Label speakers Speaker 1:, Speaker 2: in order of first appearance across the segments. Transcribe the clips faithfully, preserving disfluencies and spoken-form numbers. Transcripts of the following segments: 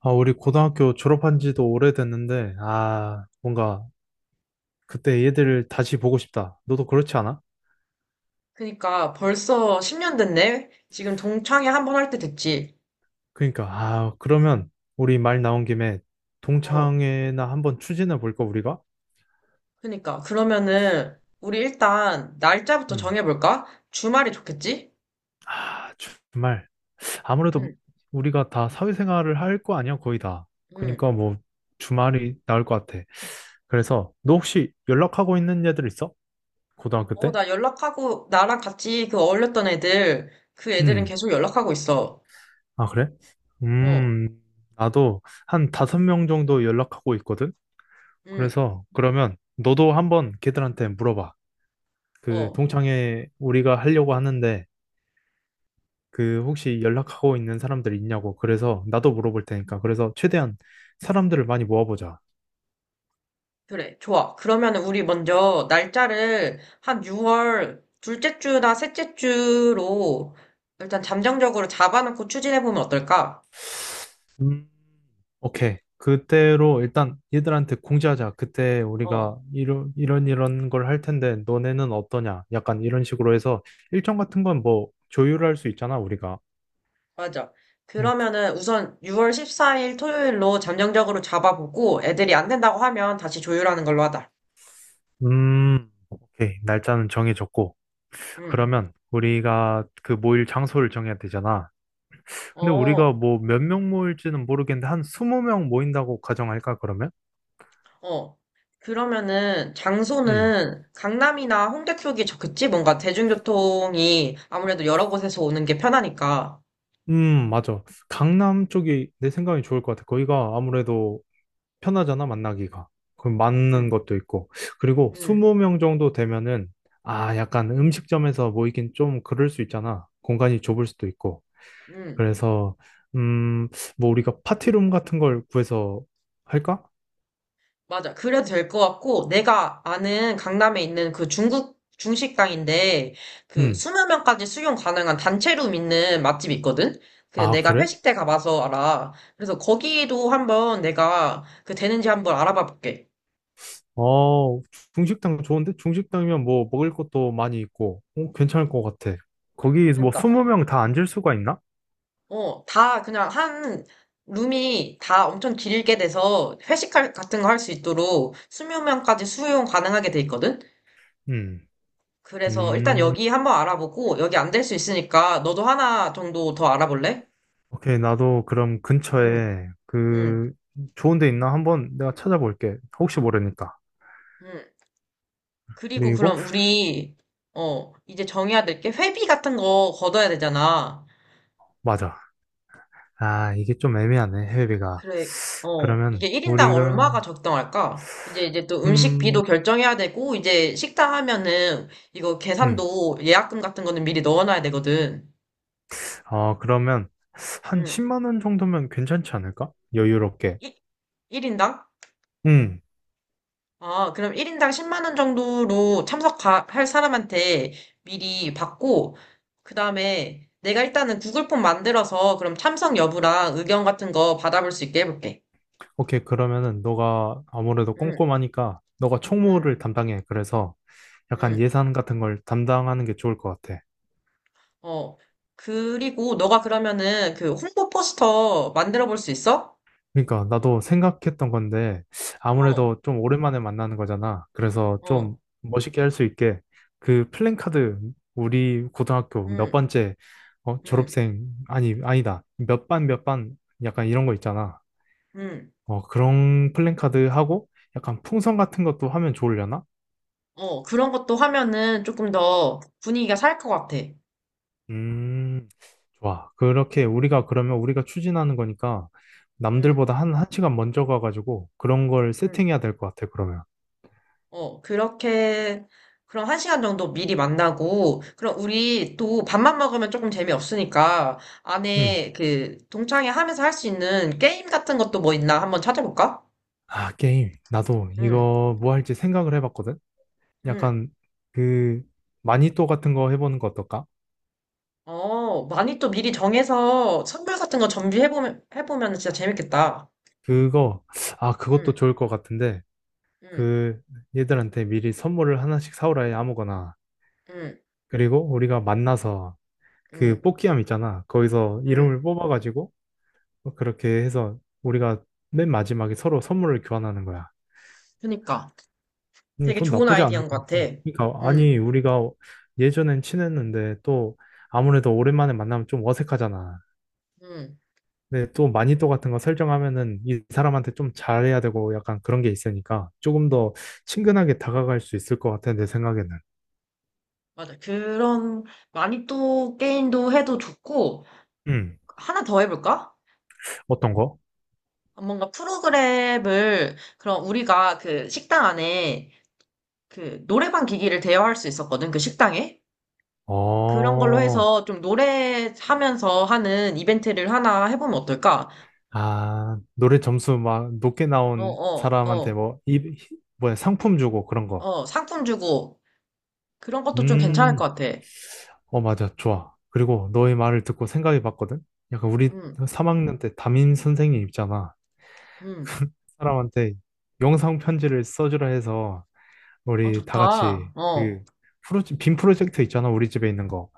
Speaker 1: 아, 우리 고등학교 졸업한 지도 오래됐는데, 아, 뭔가 그때 얘들을 다시 보고 싶다. 너도 그렇지 않아?
Speaker 2: 그니까 벌써 십 년 됐네? 지금 동창회 한번 할 때 됐지.
Speaker 1: 그러니까, 아, 그러면 우리 말 나온 김에
Speaker 2: 어,
Speaker 1: 동창회나 한번 추진해 볼까, 우리가?
Speaker 2: 그니까. 그러면은 우리 일단 날짜부터
Speaker 1: 음.
Speaker 2: 정해볼까? 주말이 좋겠지?
Speaker 1: 아, 정말. 아무래도
Speaker 2: 응,
Speaker 1: 우리가 다 사회생활을 할 거 아니야, 거의 다.
Speaker 2: 응.
Speaker 1: 그러니까 뭐 주말이 나올 것 같아. 그래서 너 혹시 연락하고 있는 애들 있어? 고등학교
Speaker 2: 어,
Speaker 1: 때?
Speaker 2: 나 연락하고 나랑 같이 그 어울렸던 애들, 그 애들은
Speaker 1: 음.
Speaker 2: 계속 연락하고 있어.
Speaker 1: 아, 그래?
Speaker 2: 어,
Speaker 1: 음, 나도 한 다섯 명 정도 연락하고 있거든?
Speaker 2: 응,
Speaker 1: 그래서 그러면 너도 한번 걔들한테 물어봐. 그
Speaker 2: 어.
Speaker 1: 동창회 우리가 하려고 하는데 그 혹시 연락하고 있는 사람들 있냐고. 그래서 나도 물어볼 테니까. 그래서 최대한 사람들을 많이 모아보자.
Speaker 2: 그래, 좋아. 그러면은 우리 먼저 날짜를 한 유월 둘째 주나 셋째 주로 일단 잠정적으로 잡아놓고 추진해보면 어떨까?
Speaker 1: 음, 오케이. 그때로 일단 얘들한테 공지하자. 그때 우리가
Speaker 2: 어.
Speaker 1: 이런 이런 이런 걸 할 텐데 너네는 어떠냐? 약간 이런 식으로 해서 일정 같은 건 뭐 조율할 수 있잖아, 우리가.
Speaker 2: 맞아.
Speaker 1: 음,
Speaker 2: 그러면은 우선 유월 십사 일 토요일로 잠정적으로 잡아보고 애들이 안 된다고 하면 다시 조율하는 걸로 하자.
Speaker 1: 음, 오케이. 날짜는 정해졌고.
Speaker 2: 응.
Speaker 1: 그러면 우리가 그 모일 장소를 정해야 되잖아. 근데 우리가
Speaker 2: 어,
Speaker 1: 뭐 몇 명 모일지는 모르겠는데 한 이십 명 모인다고 가정할까, 그러면?
Speaker 2: 어. 그러면은
Speaker 1: 음.
Speaker 2: 장소는 강남이나 홍대 쪽이 좋겠지? 뭔가 대중교통이 아무래도 여러 곳에서 오는 게 편하니까.
Speaker 1: 음, 맞아. 강남 쪽이 내 생각이 좋을 것 같아. 거기가 아무래도 편하잖아, 만나기가. 그럼 맞는
Speaker 2: 응,
Speaker 1: 것도 있고. 그리고
Speaker 2: 응,
Speaker 1: 이십 명 정도 되면은 아, 약간 음식점에서 모이긴 좀 그럴 수 있잖아. 공간이 좁을 수도 있고.
Speaker 2: 응.
Speaker 1: 그래서 음, 뭐 우리가 파티룸 같은 걸 구해서 할까?
Speaker 2: 맞아. 그래도 될 것 같고, 내가 아는 강남에 있는 그 중국 중식당인데, 그
Speaker 1: 음.
Speaker 2: 이십 명까지 수용 가능한 단체룸 있는 맛집이 있거든? 그
Speaker 1: 아,
Speaker 2: 내가
Speaker 1: 그래?
Speaker 2: 회식 때 가봐서 알아. 그래서 거기도 한번 내가 그 되는지 한번 알아봐 볼게.
Speaker 1: 어, 중식당 좋은데? 중식당이면 뭐 먹을 것도 많이 있고, 어, 괜찮을 것 같아. 거기 뭐
Speaker 2: 그러니까,
Speaker 1: 이십 명 다 앉을 수가 있나?
Speaker 2: 어, 다 그냥 한 룸이 다 엄청 길게 돼서 회식 할- 같은 거 할 수 있도록 이십 명까지 수용 가능하게 돼 있거든?
Speaker 1: 음.
Speaker 2: 그래서 일단
Speaker 1: 음.
Speaker 2: 여기 한번 알아보고, 여기 안 될 수 있으니까 너도 하나 정도 더 알아볼래?
Speaker 1: 오케이, 나도 그럼
Speaker 2: 응,
Speaker 1: 근처에
Speaker 2: 응,
Speaker 1: 그 좋은 데 있나 한번 내가 찾아볼게. 혹시 모르니까.
Speaker 2: 응. 그리고
Speaker 1: 그리고
Speaker 2: 그럼 우리, 어, 이제 정해야 될 게 회비 같은 거 걷어야 되잖아.
Speaker 1: 맞아. 아, 이게 좀 애매하네, 해외비가.
Speaker 2: 그래, 어, 이게
Speaker 1: 그러면
Speaker 2: 일 인당
Speaker 1: 우리가
Speaker 2: 얼마가 적당할까? 이제 이제 또
Speaker 1: 음,
Speaker 2: 음식비도 결정해야 되고, 이제 식당 하면은 이거
Speaker 1: 음.
Speaker 2: 계산도 예약금 같은 거는 미리 넣어놔야 되거든.
Speaker 1: 어, 그러면 한
Speaker 2: 응,
Speaker 1: 십만 원 정도면 괜찮지 않을까? 여유롭게.
Speaker 2: 일 1인당?
Speaker 1: 응.
Speaker 2: 아, 그럼 일 인당 십만 원 정도로 참석할 사람한테 미리 받고, 그 다음에 내가 일단은 구글 폼 만들어서 그럼 참석 여부랑 의견 같은 거 받아볼 수 있게 해볼게.
Speaker 1: 오케이. 그러면은 너가 아무래도
Speaker 2: 응,
Speaker 1: 꼼꼼하니까 너가
Speaker 2: 응,
Speaker 1: 총무를 담당해. 그래서 약간
Speaker 2: 응.
Speaker 1: 예산 같은 걸 담당하는 게 좋을 것 같아.
Speaker 2: 어. 그리고 너가 그러면은 그 홍보 포스터 만들어 볼 수 있어?
Speaker 1: 그러니까 나도 생각했던 건데
Speaker 2: 어,
Speaker 1: 아무래도 좀 오랜만에 만나는 거잖아. 그래서 좀
Speaker 2: 어,
Speaker 1: 멋있게 할 수 있게 그 플랜카드 우리 고등학교 몇
Speaker 2: 응,
Speaker 1: 번째 어,
Speaker 2: 응,
Speaker 1: 졸업생 아니, 아니다. 몇 반 몇 반 약간 이런 거 있잖아.
Speaker 2: 응.
Speaker 1: 어, 그런 플랜카드 하고 약간 풍선 같은 것도 하면 좋으려나?
Speaker 2: 어, 그런 것도 하면은 조금 더 분위기가 살 것 같아.
Speaker 1: 음, 좋아. 그렇게 우리가 그러면 우리가 추진하는 거니까
Speaker 2: 응,
Speaker 1: 남들보다 한, 한 시간 먼저 가가지고 그런 걸
Speaker 2: 응.
Speaker 1: 세팅해야 될 것 같아, 그러면.
Speaker 2: 어, 그렇게, 그럼 한 시간 정도 미리 만나고, 그럼 우리 또 밥만 먹으면 조금 재미없으니까,
Speaker 1: 음.
Speaker 2: 안에 그, 동창회 하면서 할 수 있는 게임 같은 것도 뭐 있나 한번 찾아볼까?
Speaker 1: 아, 게임. 나도
Speaker 2: 응,
Speaker 1: 이거 뭐 할지 생각을 해봤거든?
Speaker 2: 응.
Speaker 1: 약간 그 마니또 같은 거 해보는 거 어떨까?
Speaker 2: 어, 많이 또 미리 정해서 선물 같은 거 준비해보면, 해보면 진짜 재밌겠다.
Speaker 1: 그거, 아, 그것도
Speaker 2: 응,
Speaker 1: 좋을 것 같은데
Speaker 2: 응,
Speaker 1: 그 얘들한테 미리 선물을 하나씩 사오라 해, 아무거나.
Speaker 2: 응,
Speaker 1: 그리고 우리가 만나서 그
Speaker 2: 응,
Speaker 1: 뽑기함 있잖아. 거기서
Speaker 2: 응.
Speaker 1: 이름을 뽑아가지고 그렇게 해서 우리가 맨 마지막에 서로 선물을 교환하는 거야.
Speaker 2: 그니까.
Speaker 1: 음,
Speaker 2: 되게
Speaker 1: 돈
Speaker 2: 좋은
Speaker 1: 나쁘지 않을
Speaker 2: 아이디어인
Speaker 1: 것
Speaker 2: 것 같아.
Speaker 1: 같아. 그러니까
Speaker 2: 응,
Speaker 1: 아니, 우리가 예전엔 친했는데 또 아무래도 오랜만에 만나면 좀 어색하잖아.
Speaker 2: 응.
Speaker 1: 근데 또 마니또 같은 거 설정하면은 이 사람한테 좀 잘해야 되고 약간 그런 게 있으니까 조금 더 친근하게 다가갈 수 있을 것 같아, 내 생각에는.
Speaker 2: 맞아. 그런, 많이 또 게임도 해도 좋고,
Speaker 1: 음,
Speaker 2: 하나 더 해볼까?
Speaker 1: 어떤 거?
Speaker 2: 뭔가 프로그램을, 그럼 우리가 그 식당 안에 그 노래방 기기를 대여할 수 있었거든, 그 식당에? 그런 걸로
Speaker 1: 어.
Speaker 2: 해서 좀 노래하면서 하는 이벤트를 하나 해보면 어떨까?
Speaker 1: 아, 노래 점수 막 높게
Speaker 2: 어,
Speaker 1: 나온
Speaker 2: 어,
Speaker 1: 사람한테
Speaker 2: 어,
Speaker 1: 뭐, 이, 뭐야, 상품 주고 그런 거.
Speaker 2: 어, 상품 주고, 그런 것도 좀 괜찮을
Speaker 1: 음,
Speaker 2: 것 같아.
Speaker 1: 어, 맞아. 좋아. 그리고 너의 말을 듣고 생각해 봤거든? 약간 우리
Speaker 2: 음,
Speaker 1: 삼 학년 때 담임 선생님 있잖아.
Speaker 2: 음,
Speaker 1: 사람한테 영상 편지를 써주라 해서
Speaker 2: 아
Speaker 1: 우리 다
Speaker 2: 좋다.
Speaker 1: 같이 그
Speaker 2: 어,
Speaker 1: 프로, 빔 프로젝트 있잖아. 우리 집에 있는 거.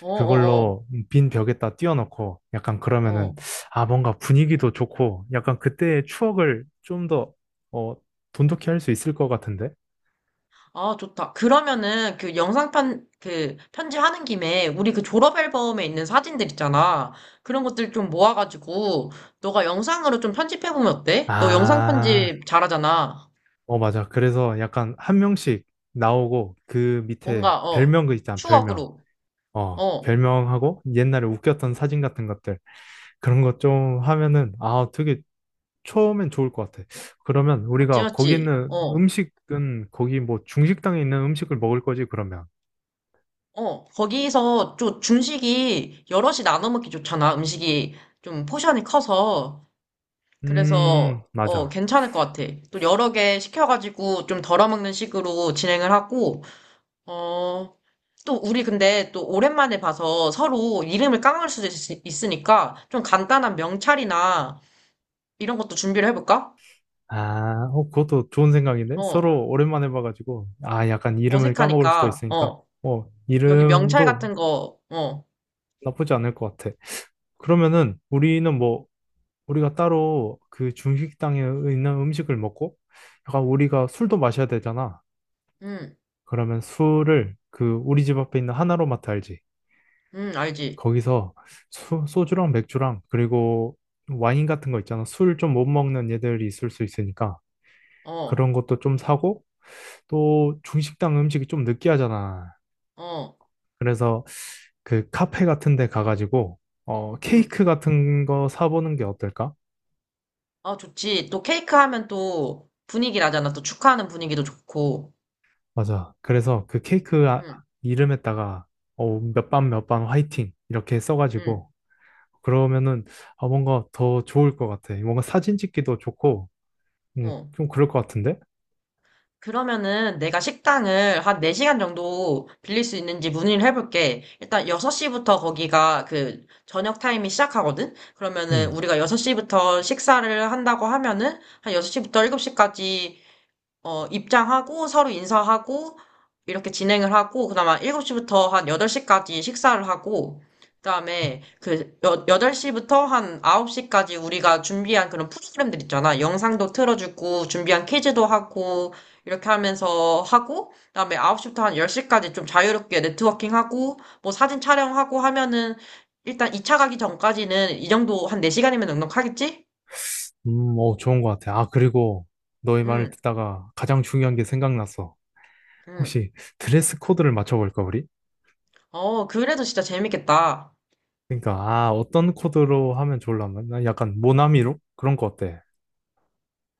Speaker 2: 어, 어, 어,
Speaker 1: 그걸로 빈 벽에다 띄워놓고 약간 그러면은
Speaker 2: 어.
Speaker 1: 아, 뭔가 분위기도 좋고 약간 그때의 추억을 좀 더 어, 돈독히 할 수 있을 것 같은데.
Speaker 2: 아, 좋다. 그러면은 그 영상 편, 그 편집하는 김에 우리 그 졸업 앨범에 있는 사진들 있잖아. 그런 것들 좀 모아가지고 너가 영상으로 좀 편집해보면 어때? 너 영상
Speaker 1: 아,
Speaker 2: 편집 잘하잖아.
Speaker 1: 어 맞아. 그래서 약간 한 명씩 나오고 그 밑에
Speaker 2: 뭔가, 어,
Speaker 1: 별명, 그 있잖아, 별명.
Speaker 2: 추억으로.
Speaker 1: 어
Speaker 2: 어,
Speaker 1: 별명하고 옛날에 웃겼던 사진 같은 것들, 그런 것 좀 하면은 아, 되게 처음엔 좋을 것 같아. 그러면
Speaker 2: 맞지,
Speaker 1: 우리가 거기
Speaker 2: 맞지?
Speaker 1: 있는
Speaker 2: 어,
Speaker 1: 음식은 거기 뭐 중식당에 있는 음식을 먹을 거지, 그러면.
Speaker 2: 어. 거기서 좀 중식이 여럿이 나눠 먹기 좋잖아. 음식이 좀 포션이 커서. 그래서
Speaker 1: 음,
Speaker 2: 어,
Speaker 1: 맞아.
Speaker 2: 괜찮을 것 같아. 또 여러 개 시켜가지고 좀 덜어먹는 식으로 진행을 하고, 어, 또 우리 근데 또 오랜만에 봐서 서로 이름을 깡을 수도 있, 으니까좀 간단한 명찰이나 이런 것도 준비를 해볼까?
Speaker 1: 아, 어, 그것도 좋은 생각인데?
Speaker 2: 어,
Speaker 1: 서로 오랜만에 봐가지고, 아, 약간 이름을 까먹을 수도
Speaker 2: 어색하니까,
Speaker 1: 있으니까,
Speaker 2: 어,
Speaker 1: 어,
Speaker 2: 여기 명찰
Speaker 1: 이름도
Speaker 2: 같은 거, 어,
Speaker 1: 나쁘지 않을 것 같아. 그러면은 우리는 뭐, 우리가 따로 그 중식당에 있는 음식을 먹고, 약간 우리가 술도 마셔야 되잖아.
Speaker 2: 음,
Speaker 1: 그러면 술을 그 우리 집 앞에 있는 하나로마트 알지?
Speaker 2: 음, 알지?
Speaker 1: 거기서 소, 소주랑 맥주랑, 그리고 와인 같은 거 있잖아. 술 좀 못 먹는 애들이 있을 수 있으니까.
Speaker 2: 어,
Speaker 1: 그런 것도 좀 사고, 또 중식당 음식이 좀 느끼하잖아.
Speaker 2: 어,
Speaker 1: 그래서 그 카페 같은 데 가가지고 어
Speaker 2: 음,
Speaker 1: 케이크 같은 거 사보는 게 어떨까?
Speaker 2: 아, 좋지. 또 케이크 하면 또 분위기 나잖아. 또 축하하는 분위기도 좋고,
Speaker 1: 맞아. 그래서 그 케이크 아-
Speaker 2: 음,
Speaker 1: 이름에다가 어몇 반 몇 반 화이팅 이렇게
Speaker 2: 음,
Speaker 1: 써가지고 그러면은 아, 뭔가 더 좋을 것 같아. 뭔가 사진 찍기도 좋고 음,
Speaker 2: 어.
Speaker 1: 좀 그럴 것 같은데?
Speaker 2: 그러면은 내가 식당을 한 네 시간 정도 빌릴 수 있는지 문의를 해볼게. 일단 여섯 시부터 거기가 그 저녁 타임이 시작하거든? 그러면은
Speaker 1: 음,
Speaker 2: 우리가 여섯 시부터 식사를 한다고 하면은 한 여섯 시부터 일곱 시까지 어, 입장하고 서로 인사하고 이렇게 진행을 하고 그나마 일곱 시부터 한 여덟 시까지 식사를 하고 그다음에 그 여, 여덟 시부터 한 아홉 시까지 우리가 준비한 그런 프로그램들 있잖아. 영상도 틀어주고 준비한 퀴즈도 하고 이렇게 하면서 하고 그다음에 아홉 시부터 한 열 시까지 좀 자유롭게 네트워킹하고 뭐 사진 촬영하고 하면은 일단 이 차 가기 전까지는 이 정도 한 네 시간이면 넉넉하겠지?
Speaker 1: 음, 어 좋은 것 같아. 아, 그리고 너의 말을
Speaker 2: 응,
Speaker 1: 듣다가 가장 중요한 게 생각났어.
Speaker 2: 응.
Speaker 1: 혹시 드레스 코드를 맞춰볼까 우리?
Speaker 2: 어, 그래도 진짜 재밌겠다.
Speaker 1: 그러니까 아, 어떤 코드로 하면 좋을라나? 난 약간 모나미로 그런 거 어때?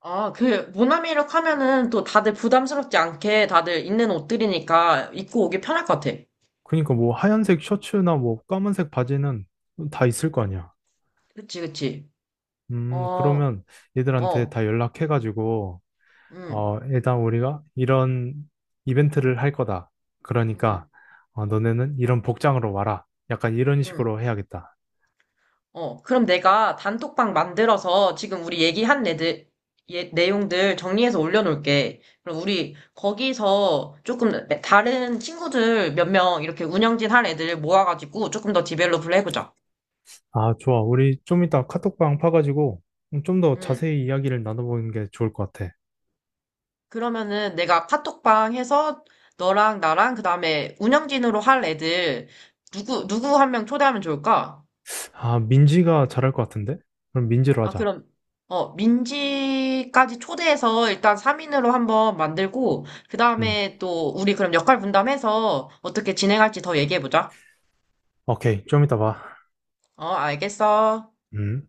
Speaker 2: 아, 그, 모나미룩 하면은 또 다들 부담스럽지 않게 다들 있는 옷들이니까 입고 오기 편할 것 같아.
Speaker 1: 그러니까 뭐 하얀색 셔츠나 뭐 까만색 바지는 다 있을 거 아니야.
Speaker 2: 그치, 그치.
Speaker 1: 음
Speaker 2: 어,
Speaker 1: 그러면 얘들한테
Speaker 2: 어,
Speaker 1: 다 연락해가지고
Speaker 2: 음,
Speaker 1: 어 일단 우리가 이런 이벤트를 할 거다. 그러니까
Speaker 2: 음,
Speaker 1: 어, 너네는 이런 복장으로 와라. 약간 이런
Speaker 2: 음.
Speaker 1: 식으로 해야겠다.
Speaker 2: 어, 그럼 내가 단톡방 만들어서 지금 우리 얘기한 애들, 예, 내용들 정리해서 올려놓을게. 그럼 우리 거기서 조금 다른 친구들 몇 명 이렇게 운영진 할 애들 모아가지고 조금 더 디벨롭을 해보자.
Speaker 1: 아, 좋아. 우리 좀 이따 카톡방 파가지고 좀 더
Speaker 2: 음.
Speaker 1: 자세히 이야기를 나눠보는 게 좋을 것 같아.
Speaker 2: 그러면은 내가 카톡방 해서 너랑 나랑 그다음에 운영진으로 할 애들 누구 누구 한 명 초대하면 좋을까?
Speaker 1: 아, 민지가 잘할 것 같은데? 그럼 민지로
Speaker 2: 아
Speaker 1: 하자.
Speaker 2: 그럼 어 민지까지 초대해서 일단 삼 인으로 한번 만들고
Speaker 1: 음.
Speaker 2: 그다음에 또 우리 그럼 역할 분담해서 어떻게 진행할지 더 얘기해 보자.
Speaker 1: 오케이, 좀 이따 봐.
Speaker 2: 어 알겠어.
Speaker 1: 음.